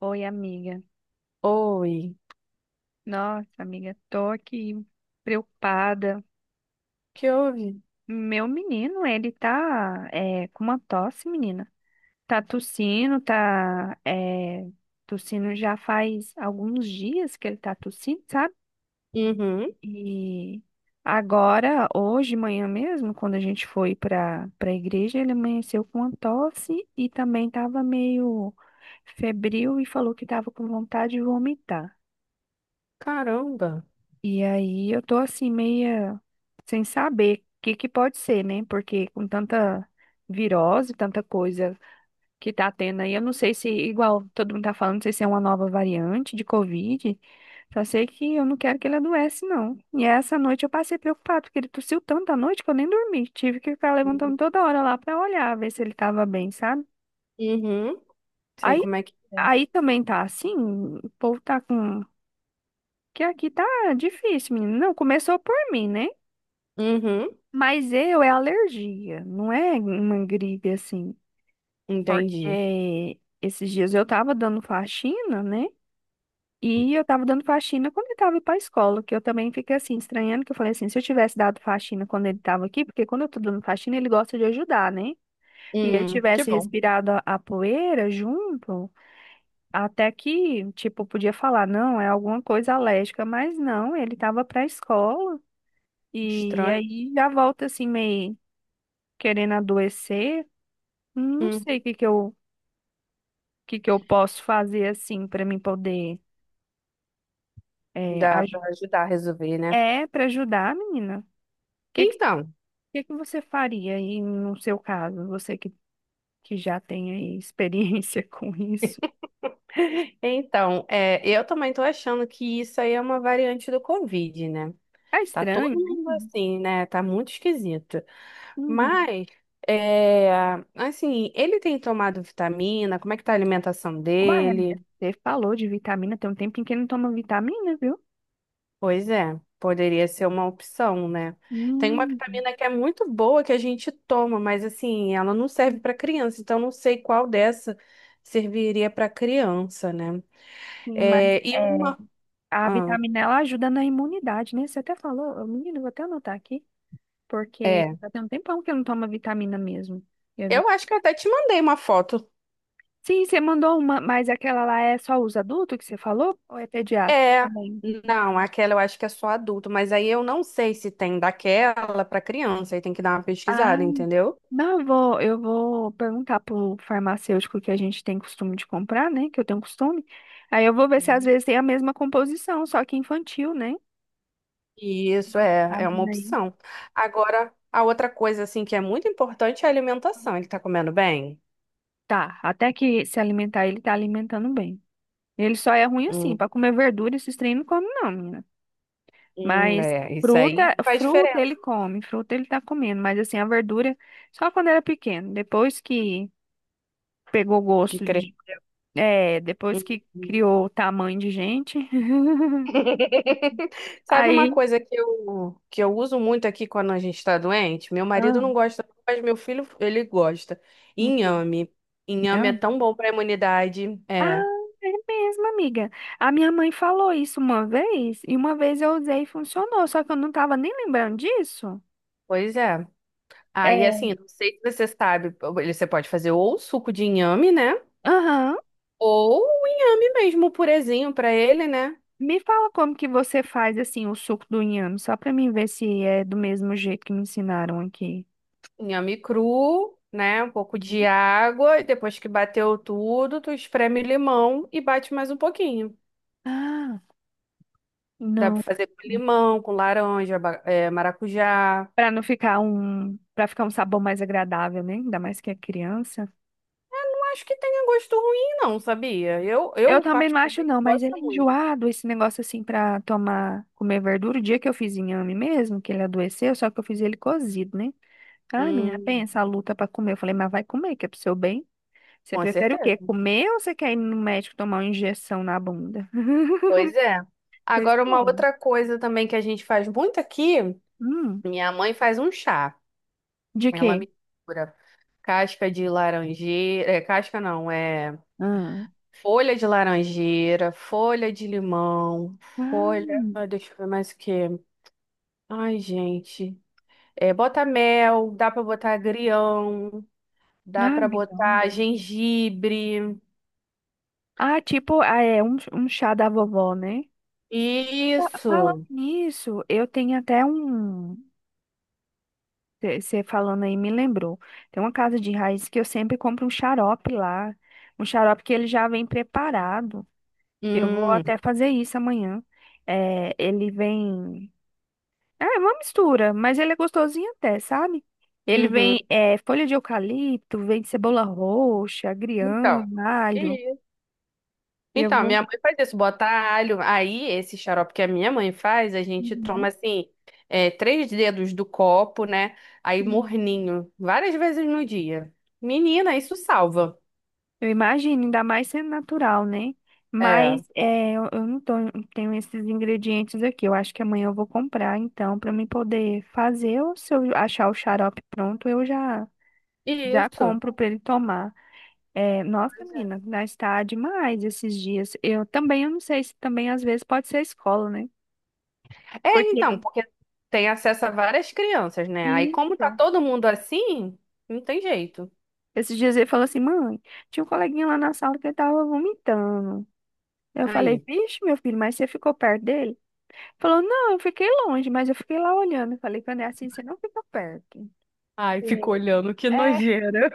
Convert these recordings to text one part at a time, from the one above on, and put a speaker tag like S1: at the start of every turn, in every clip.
S1: Oi, amiga.
S2: Oi,
S1: Nossa, amiga, tô aqui preocupada.
S2: que houve?
S1: Meu menino, ele tá com uma tosse, menina. Tá tossindo, tá tossindo já faz alguns dias que ele tá tossindo, sabe?
S2: Uhum.
S1: E agora, hoje, de manhã mesmo, quando a gente foi para a igreja, ele amanheceu com uma tosse e também tava meio febril e falou que tava com vontade de vomitar.
S2: Caramba.
S1: E aí eu tô assim meia sem saber o que que pode ser, né? Porque com tanta virose, tanta coisa que tá tendo aí, eu não sei se, igual todo mundo tá falando, não sei se é uma nova variante de Covid. Só sei que eu não quero que ele adoece, não. E essa noite eu passei preocupado, porque ele tossiu tanto à noite que eu nem dormi. Tive que ficar levantando toda hora lá pra olhar, ver se ele tava bem, sabe?
S2: Uhum. Sei
S1: Aí,
S2: como é que é.
S1: aí também tá assim, o povo tá com... Que aqui tá difícil, menino. Não, começou por mim, né?
S2: Uhum.
S1: Mas eu é alergia, não é uma gripe assim.
S2: Entendi.
S1: Porque esses dias eu tava dando faxina, né? E eu tava dando faxina quando ele tava pra escola, que eu também fiquei assim, estranhando, que eu falei assim, se eu tivesse dado faxina quando ele tava aqui, porque quando eu tô dando faxina, ele gosta de ajudar, né? E ele
S2: Que
S1: tivesse
S2: bom.
S1: respirado a poeira junto, até que, tipo, podia falar, não, é alguma coisa alérgica, mas não, ele tava pra escola. E
S2: Estranho.
S1: aí já volta assim, meio querendo adoecer. Não
S2: Hum.
S1: sei o que que eu posso fazer assim para mim poder
S2: Dá pra
S1: ajudar.
S2: ajudar a resolver, né?
S1: É, para ajudar, menina. Que, que,
S2: Então,
S1: que você faria aí no seu caso? Que já tem aí experiência com isso.
S2: então, eu também tô achando que isso aí é uma variante do Covid, né?
S1: É
S2: Tá todo
S1: estranho,
S2: mundo
S1: né?
S2: assim, né? Tá muito esquisito.
S1: Uhum.
S2: Mas, é, assim, ele tem tomado vitamina? Como é que tá a alimentação
S1: Uai, amiga,
S2: dele?
S1: você falou de vitamina, tem um tempinho que não toma vitamina, viu?
S2: Pois é, poderia ser uma opção, né? Tem uma
S1: Hum,
S2: vitamina que é muito boa que a gente toma, mas assim, ela não serve para criança, então não sei qual dessa serviria para criança, né?
S1: sim, mas
S2: É, e
S1: é,
S2: uma.
S1: a
S2: Ah,
S1: vitamina ela ajuda na imunidade, né? Você até falou, menino, vou até anotar aqui, porque
S2: é.
S1: já tem um tempão que eu não tomo vitamina mesmo. E a
S2: Eu acho que eu até te mandei uma foto.
S1: Sim, você mandou uma, mas aquela lá é só os adultos que você falou? Ou é pediatra
S2: É.
S1: também?
S2: Não, aquela eu acho que é só adulto, mas aí eu não sei se tem daquela para criança, aí tem que dar uma
S1: Ah,
S2: pesquisada, entendeu?
S1: não, eu vou perguntar pro farmacêutico que a gente tem costume de comprar, né? Que eu tenho costume. Aí eu vou ver se às vezes tem a mesma composição, só que infantil, né?
S2: Isso é,
S1: A
S2: é uma
S1: menina aí.
S2: opção. Agora, a outra coisa assim que é muito importante é a alimentação. Ele tá comendo bem?
S1: Tá, até que se alimentar, ele tá alimentando bem. Ele só é ruim assim,
S2: Hum,
S1: pra comer verdura, esses trem não come não, menina. Mas
S2: é, isso aí
S1: fruta,
S2: faz
S1: fruta
S2: diferença
S1: ele come, fruta ele tá comendo, mas assim, a verdura só quando era pequeno. Depois que pegou
S2: de
S1: gosto
S2: crer.
S1: de. É, depois que
S2: Uhum.
S1: criou o tamanho de gente.
S2: Sabe uma
S1: Aí.
S2: coisa que eu uso muito aqui quando a gente está doente? Meu marido
S1: Ah,
S2: não gosta, mas meu filho, ele gosta.
S1: enfim.
S2: Inhame. Inhame é
S1: Não.
S2: tão bom para a imunidade.
S1: Ah,
S2: É,
S1: é mesmo, amiga. A minha mãe falou isso uma vez, e uma vez eu usei e funcionou, só que eu não tava nem lembrando disso.
S2: pois é. Aí,
S1: É.
S2: assim, não sei se você sabe, ele- você pode fazer ou suco de inhame, né?
S1: Aham.
S2: Ou o inhame mesmo, um purezinho pra ele, né?
S1: Me fala como que você faz assim o suco do inhame, só pra mim ver se é do mesmo jeito que me ensinaram aqui.
S2: Inhame cru, né? Um pouco de
S1: Uhum.
S2: água, e depois que bateu tudo, tu espreme limão e bate mais um pouquinho.
S1: Ah,
S2: Dá
S1: não.
S2: pra fazer com limão, com laranja, ba- é, maracujá.
S1: Pra não ficar para ficar um sabor mais agradável, né? Ainda mais que é criança.
S2: Não acho que tenha gosto ruim, não, sabia?
S1: Eu
S2: Eu
S1: também não acho
S2: particularmente
S1: não, mas ele
S2: gosto
S1: é
S2: muito.
S1: enjoado esse negócio assim pra tomar, comer verdura. O dia que eu fiz inhame mesmo, que ele adoeceu, só que eu fiz ele cozido, né? Ai, menina,
S2: Hum,
S1: pensa a luta pra comer. Eu falei, mas vai comer, que é pro seu bem. Você
S2: com
S1: prefere o quê?
S2: certeza.
S1: Comer ou você quer ir no médico tomar uma injeção na bunda?
S2: Pois é.
S1: Você
S2: Agora, uma
S1: escolhe.
S2: outra coisa também que a gente faz muito aqui,
S1: Hum,
S2: minha mãe faz um chá.
S1: de
S2: Ela
S1: quê?
S2: mistura casca de laranjeira, é, casca não, é
S1: Ah,
S2: folha de laranjeira, folha de limão, folha, ah,
S1: ah,
S2: deixa eu ver mais o que. Ai, gente. É, bota mel, dá pra botar agrião, dá
S1: ah,
S2: pra
S1: guirlanda.
S2: botar gengibre.
S1: Ah, tipo, ah, um chá da vovó, né? Falando
S2: Isso.
S1: nisso, eu tenho até um. Você falando aí me lembrou. Tem uma casa de raiz que eu sempre compro um xarope lá. Um xarope que ele já vem preparado. Eu vou
S2: Hum,
S1: até fazer isso amanhã. É, ele vem. É uma mistura, mas ele é gostosinho até, sabe? Ele
S2: uhum.
S1: vem folha de eucalipto, vem cebola roxa, agrião,
S2: Então,
S1: alho. E eu
S2: então,
S1: vou.
S2: minha mãe faz isso, bota alho. Aí, esse xarope que a minha mãe faz, a gente toma assim, é, três dedos do copo, né? Aí,
S1: Uhum.
S2: morninho, várias vezes no dia. Menina, isso salva.
S1: Eu imagino, ainda mais sendo natural, né?
S2: É,
S1: Eu não tenho esses ingredientes aqui. Eu acho que amanhã eu vou comprar, então, para mim poder fazer. Ou se eu achar o xarope pronto, eu já
S2: isso.
S1: compro para ele tomar. É, nossa,
S2: Pois é.
S1: menina, mas está demais esses dias. Eu também, eu não sei se também às vezes pode ser a escola, né?
S2: É,
S1: Porque
S2: então, porque tem acesso a várias crianças, né? Aí, como tá
S1: isso.
S2: todo mundo assim, não tem jeito.
S1: Esses dias ele falou assim, mãe, tinha um coleguinha lá na sala que ele tava vomitando. Eu falei,
S2: Aí.
S1: vixe, meu filho, mas você ficou perto dele? Falou, não, eu fiquei longe, mas eu fiquei lá olhando. Eu Falei, quando é assim, você não fica perto.
S2: Ai, fico olhando, que
S1: É,
S2: nojeira.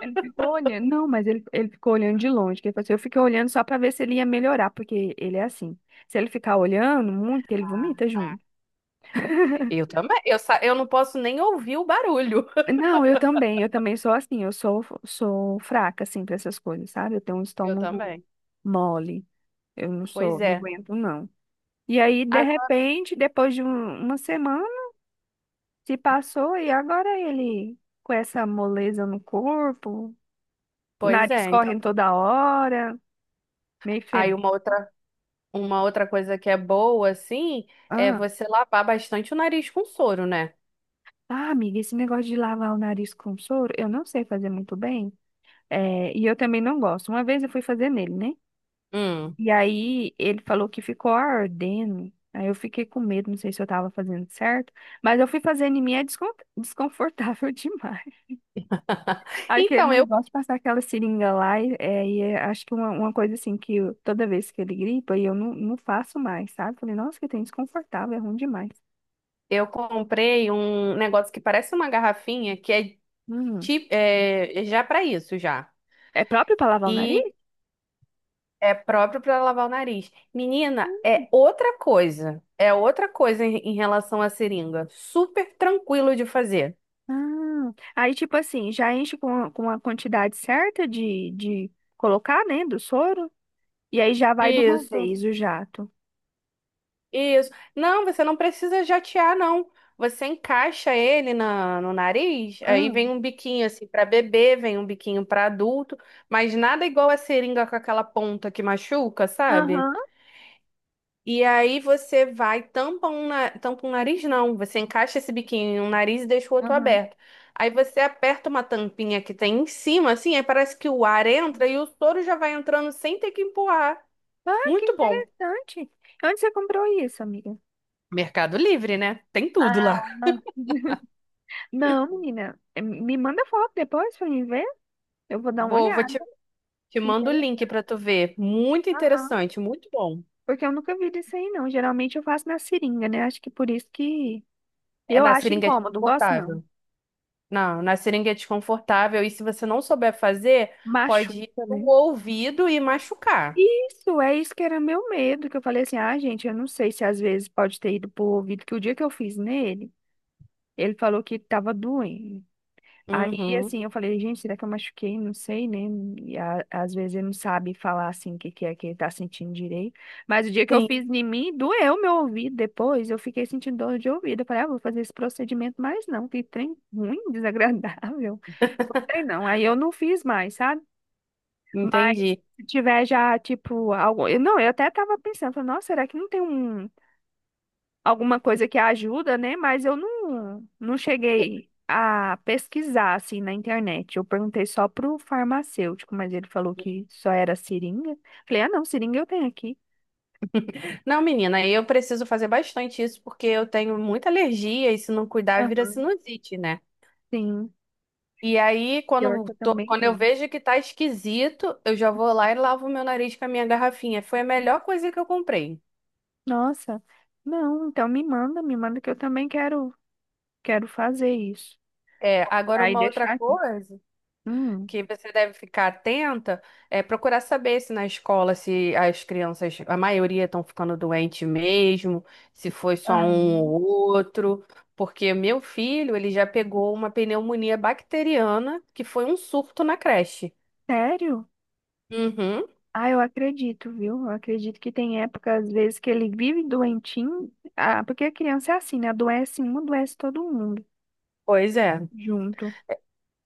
S1: ele ficou olhando. Não, ele ficou olhando de longe. Que ele falou assim, eu fiquei olhando só pra ver se ele ia melhorar, porque ele é assim. Se ele ficar olhando muito, ele
S2: Ah,
S1: vomita
S2: tá.
S1: junto.
S2: Eu também. Sa- eu não posso nem ouvir o barulho.
S1: Não, eu também sou assim, sou fraca, assim, pra essas coisas, sabe? Eu tenho um
S2: Eu
S1: estômago
S2: também.
S1: mole, eu não
S2: Pois
S1: sou, não
S2: é.
S1: aguento, não. E aí, de repente, uma semana, Se passou e agora ele com essa moleza no corpo,
S2: Pois
S1: nariz
S2: é, então.
S1: correndo toda hora, meio
S2: Aí
S1: febre.
S2: uma outra coisa que é boa, assim, é
S1: Ah,
S2: você lavar bastante o nariz com soro, né?
S1: ah, amiga, esse negócio de lavar o nariz com soro, eu não sei fazer muito bem. É, e eu também não gosto. Uma vez eu fui fazer nele, né?
S2: Hum.
S1: E aí ele falou que ficou ardendo. Aí eu fiquei com medo, não sei se eu tava fazendo certo, mas eu fui fazendo em mim é desconfortável demais. Aquele
S2: Então,
S1: negócio de passar aquela seringa lá, acho que uma coisa assim que toda vez que ele gripa, e eu não, não faço mais, sabe? Falei, nossa, que tem desconfortável, é ruim demais.
S2: eu comprei um negócio que parece uma garrafinha, que é,
S1: Hum.
S2: ti- é já para isso, já.
S1: É próprio pra lavar o nariz?
S2: E é próprio para lavar o nariz. Menina, é outra coisa. É outra coisa em relação à seringa. Super tranquilo de fazer.
S1: Ah, aí, tipo assim, já enche com a quantidade certa de colocar, né, do soro, e aí já vai de uma
S2: Isso.
S1: vez o jato.
S2: Isso. Não, você não precisa jatear, não. Você encaixa ele no nariz, aí
S1: Ah,
S2: vem um biquinho assim para bebê, vem um biquinho para adulto, mas nada igual a seringa com aquela ponta que machuca, sabe?
S1: Aham,
S2: E aí você vai, na- tampa um nariz, não. Você encaixa esse biquinho em um nariz e deixa o outro
S1: aham.
S2: aberto. Aí você aperta uma tampinha que tem em cima, assim, aí parece que o ar entra e o soro já vai entrando sem ter que empurrar.
S1: Ah, que
S2: Muito bom.
S1: interessante. Onde você comprou isso, amiga?
S2: Mercado Livre, né? Tem tudo
S1: Ah,
S2: lá.
S1: ah, não, menina, me manda foto depois pra mim ver. Eu vou dar uma
S2: Vou
S1: olhada.
S2: te mando o
S1: Interessante.
S2: link pra tu ver. Muito
S1: Aham.
S2: interessante, muito bom.
S1: Porque eu nunca vi disso aí, não. Geralmente eu faço na seringa, né? Acho que por isso que
S2: É
S1: eu
S2: na
S1: acho
S2: seringuete
S1: incômodo, não gosto não.
S2: confortável. Não, na seringuete confortável. E se você não souber fazer, pode ir
S1: Machuca,
S2: pro
S1: né?
S2: ouvido e machucar.
S1: Isso, é isso que era meu medo, que eu falei assim, ah, gente, eu não sei se às vezes pode ter ido pro ouvido, que o dia que eu fiz nele, ele falou que tava doendo. Aí,
S2: Uhum.
S1: assim, eu falei, gente, será que eu machuquei? Não sei, né? Às vezes ele não sabe falar, assim, que é que ele tá sentindo direito. Mas o dia que eu
S2: Sim,
S1: fiz em mim, doeu meu ouvido depois. Eu fiquei sentindo dor de ouvido. Eu falei, ah, vou fazer esse procedimento mais não. Que trem ruim, desagradável. Não sei não. Aí eu não fiz mais, sabe? Mas
S2: entendi.
S1: se tiver já, tipo, algo... Não, eu até tava pensando, falei, nossa, será que não tem alguma coisa que ajuda, né? Mas eu não, não cheguei a pesquisar assim na internet. Eu perguntei só pro farmacêutico, mas ele falou que só era seringa. Falei, ah, não, seringa eu tenho aqui.
S2: Não, menina, eu preciso fazer bastante isso porque eu tenho muita alergia e se não cuidar vira
S1: Aham.
S2: sinusite, né?
S1: Sim,
S2: E aí,
S1: pior que eu também
S2: quando eu
S1: tenho.
S2: vejo que tá esquisito, eu já vou lá e lavo meu nariz com a minha garrafinha. Foi a melhor coisa que eu comprei.
S1: Nossa, não, então me manda que eu também quero, quero fazer isso.
S2: É, agora
S1: Comprar e
S2: uma outra
S1: deixar aqui.
S2: coisa
S1: Hum,
S2: que você deve ficar atenta é procurar saber se na escola se as crianças, a maioria estão ficando doente mesmo, se foi só um
S1: Aham.
S2: ou outro, porque meu filho, ele já pegou uma pneumonia bacteriana que foi um surto na creche.
S1: Sério?
S2: Uhum.
S1: Ah, eu acredito, viu? Eu acredito que tem épocas, às vezes, que ele vive doentinho. Ah, porque a criança é assim, né? Adoece um, adoece todo mundo
S2: Pois é,
S1: junto.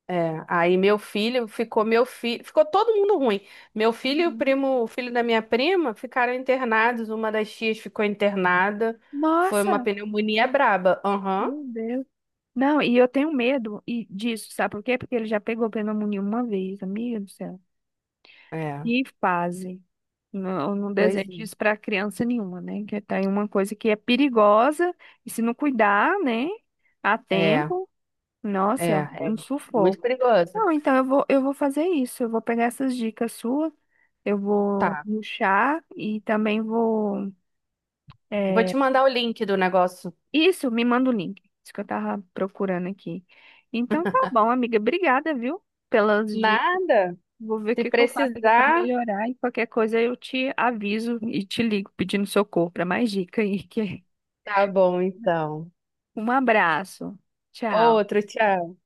S2: é. Aí meu filho, ficou todo mundo ruim. Meu filho e o
S1: Uhum.
S2: primo, o filho da minha prima ficaram internados, uma das tias ficou internada. Foi uma
S1: Nossa,
S2: pneumonia braba. Aham.
S1: meu Deus. Não, e eu tenho medo e disso, sabe por quê? Porque ele já pegou pneumonia uma vez, amiga do céu. Que fase. Não, eu não
S2: Pois
S1: desejo isso para criança nenhuma, né? Que tá aí uma coisa que é perigosa e se não cuidar, né, a
S2: é,
S1: tempo, nossa,
S2: é
S1: um
S2: muito
S1: sufoco.
S2: perigoso.
S1: Não, eu vou fazer isso. Eu vou pegar essas dicas suas, eu vou
S2: Tá,
S1: ruxar e também vou.
S2: vou
S1: É,
S2: te mandar o link do negócio.
S1: Isso, me manda o link. Isso que eu tava procurando aqui. Então tá bom, amiga. Obrigada, viu, pelas dicas.
S2: Nada?
S1: Vou ver o
S2: Se
S1: que que eu faço aqui pra
S2: precisar,
S1: melhorar e qualquer coisa eu te aviso e te ligo pedindo socorro para mais dica aí.
S2: tá bom então.
S1: Um abraço. Tchau.
S2: Outro, tchau.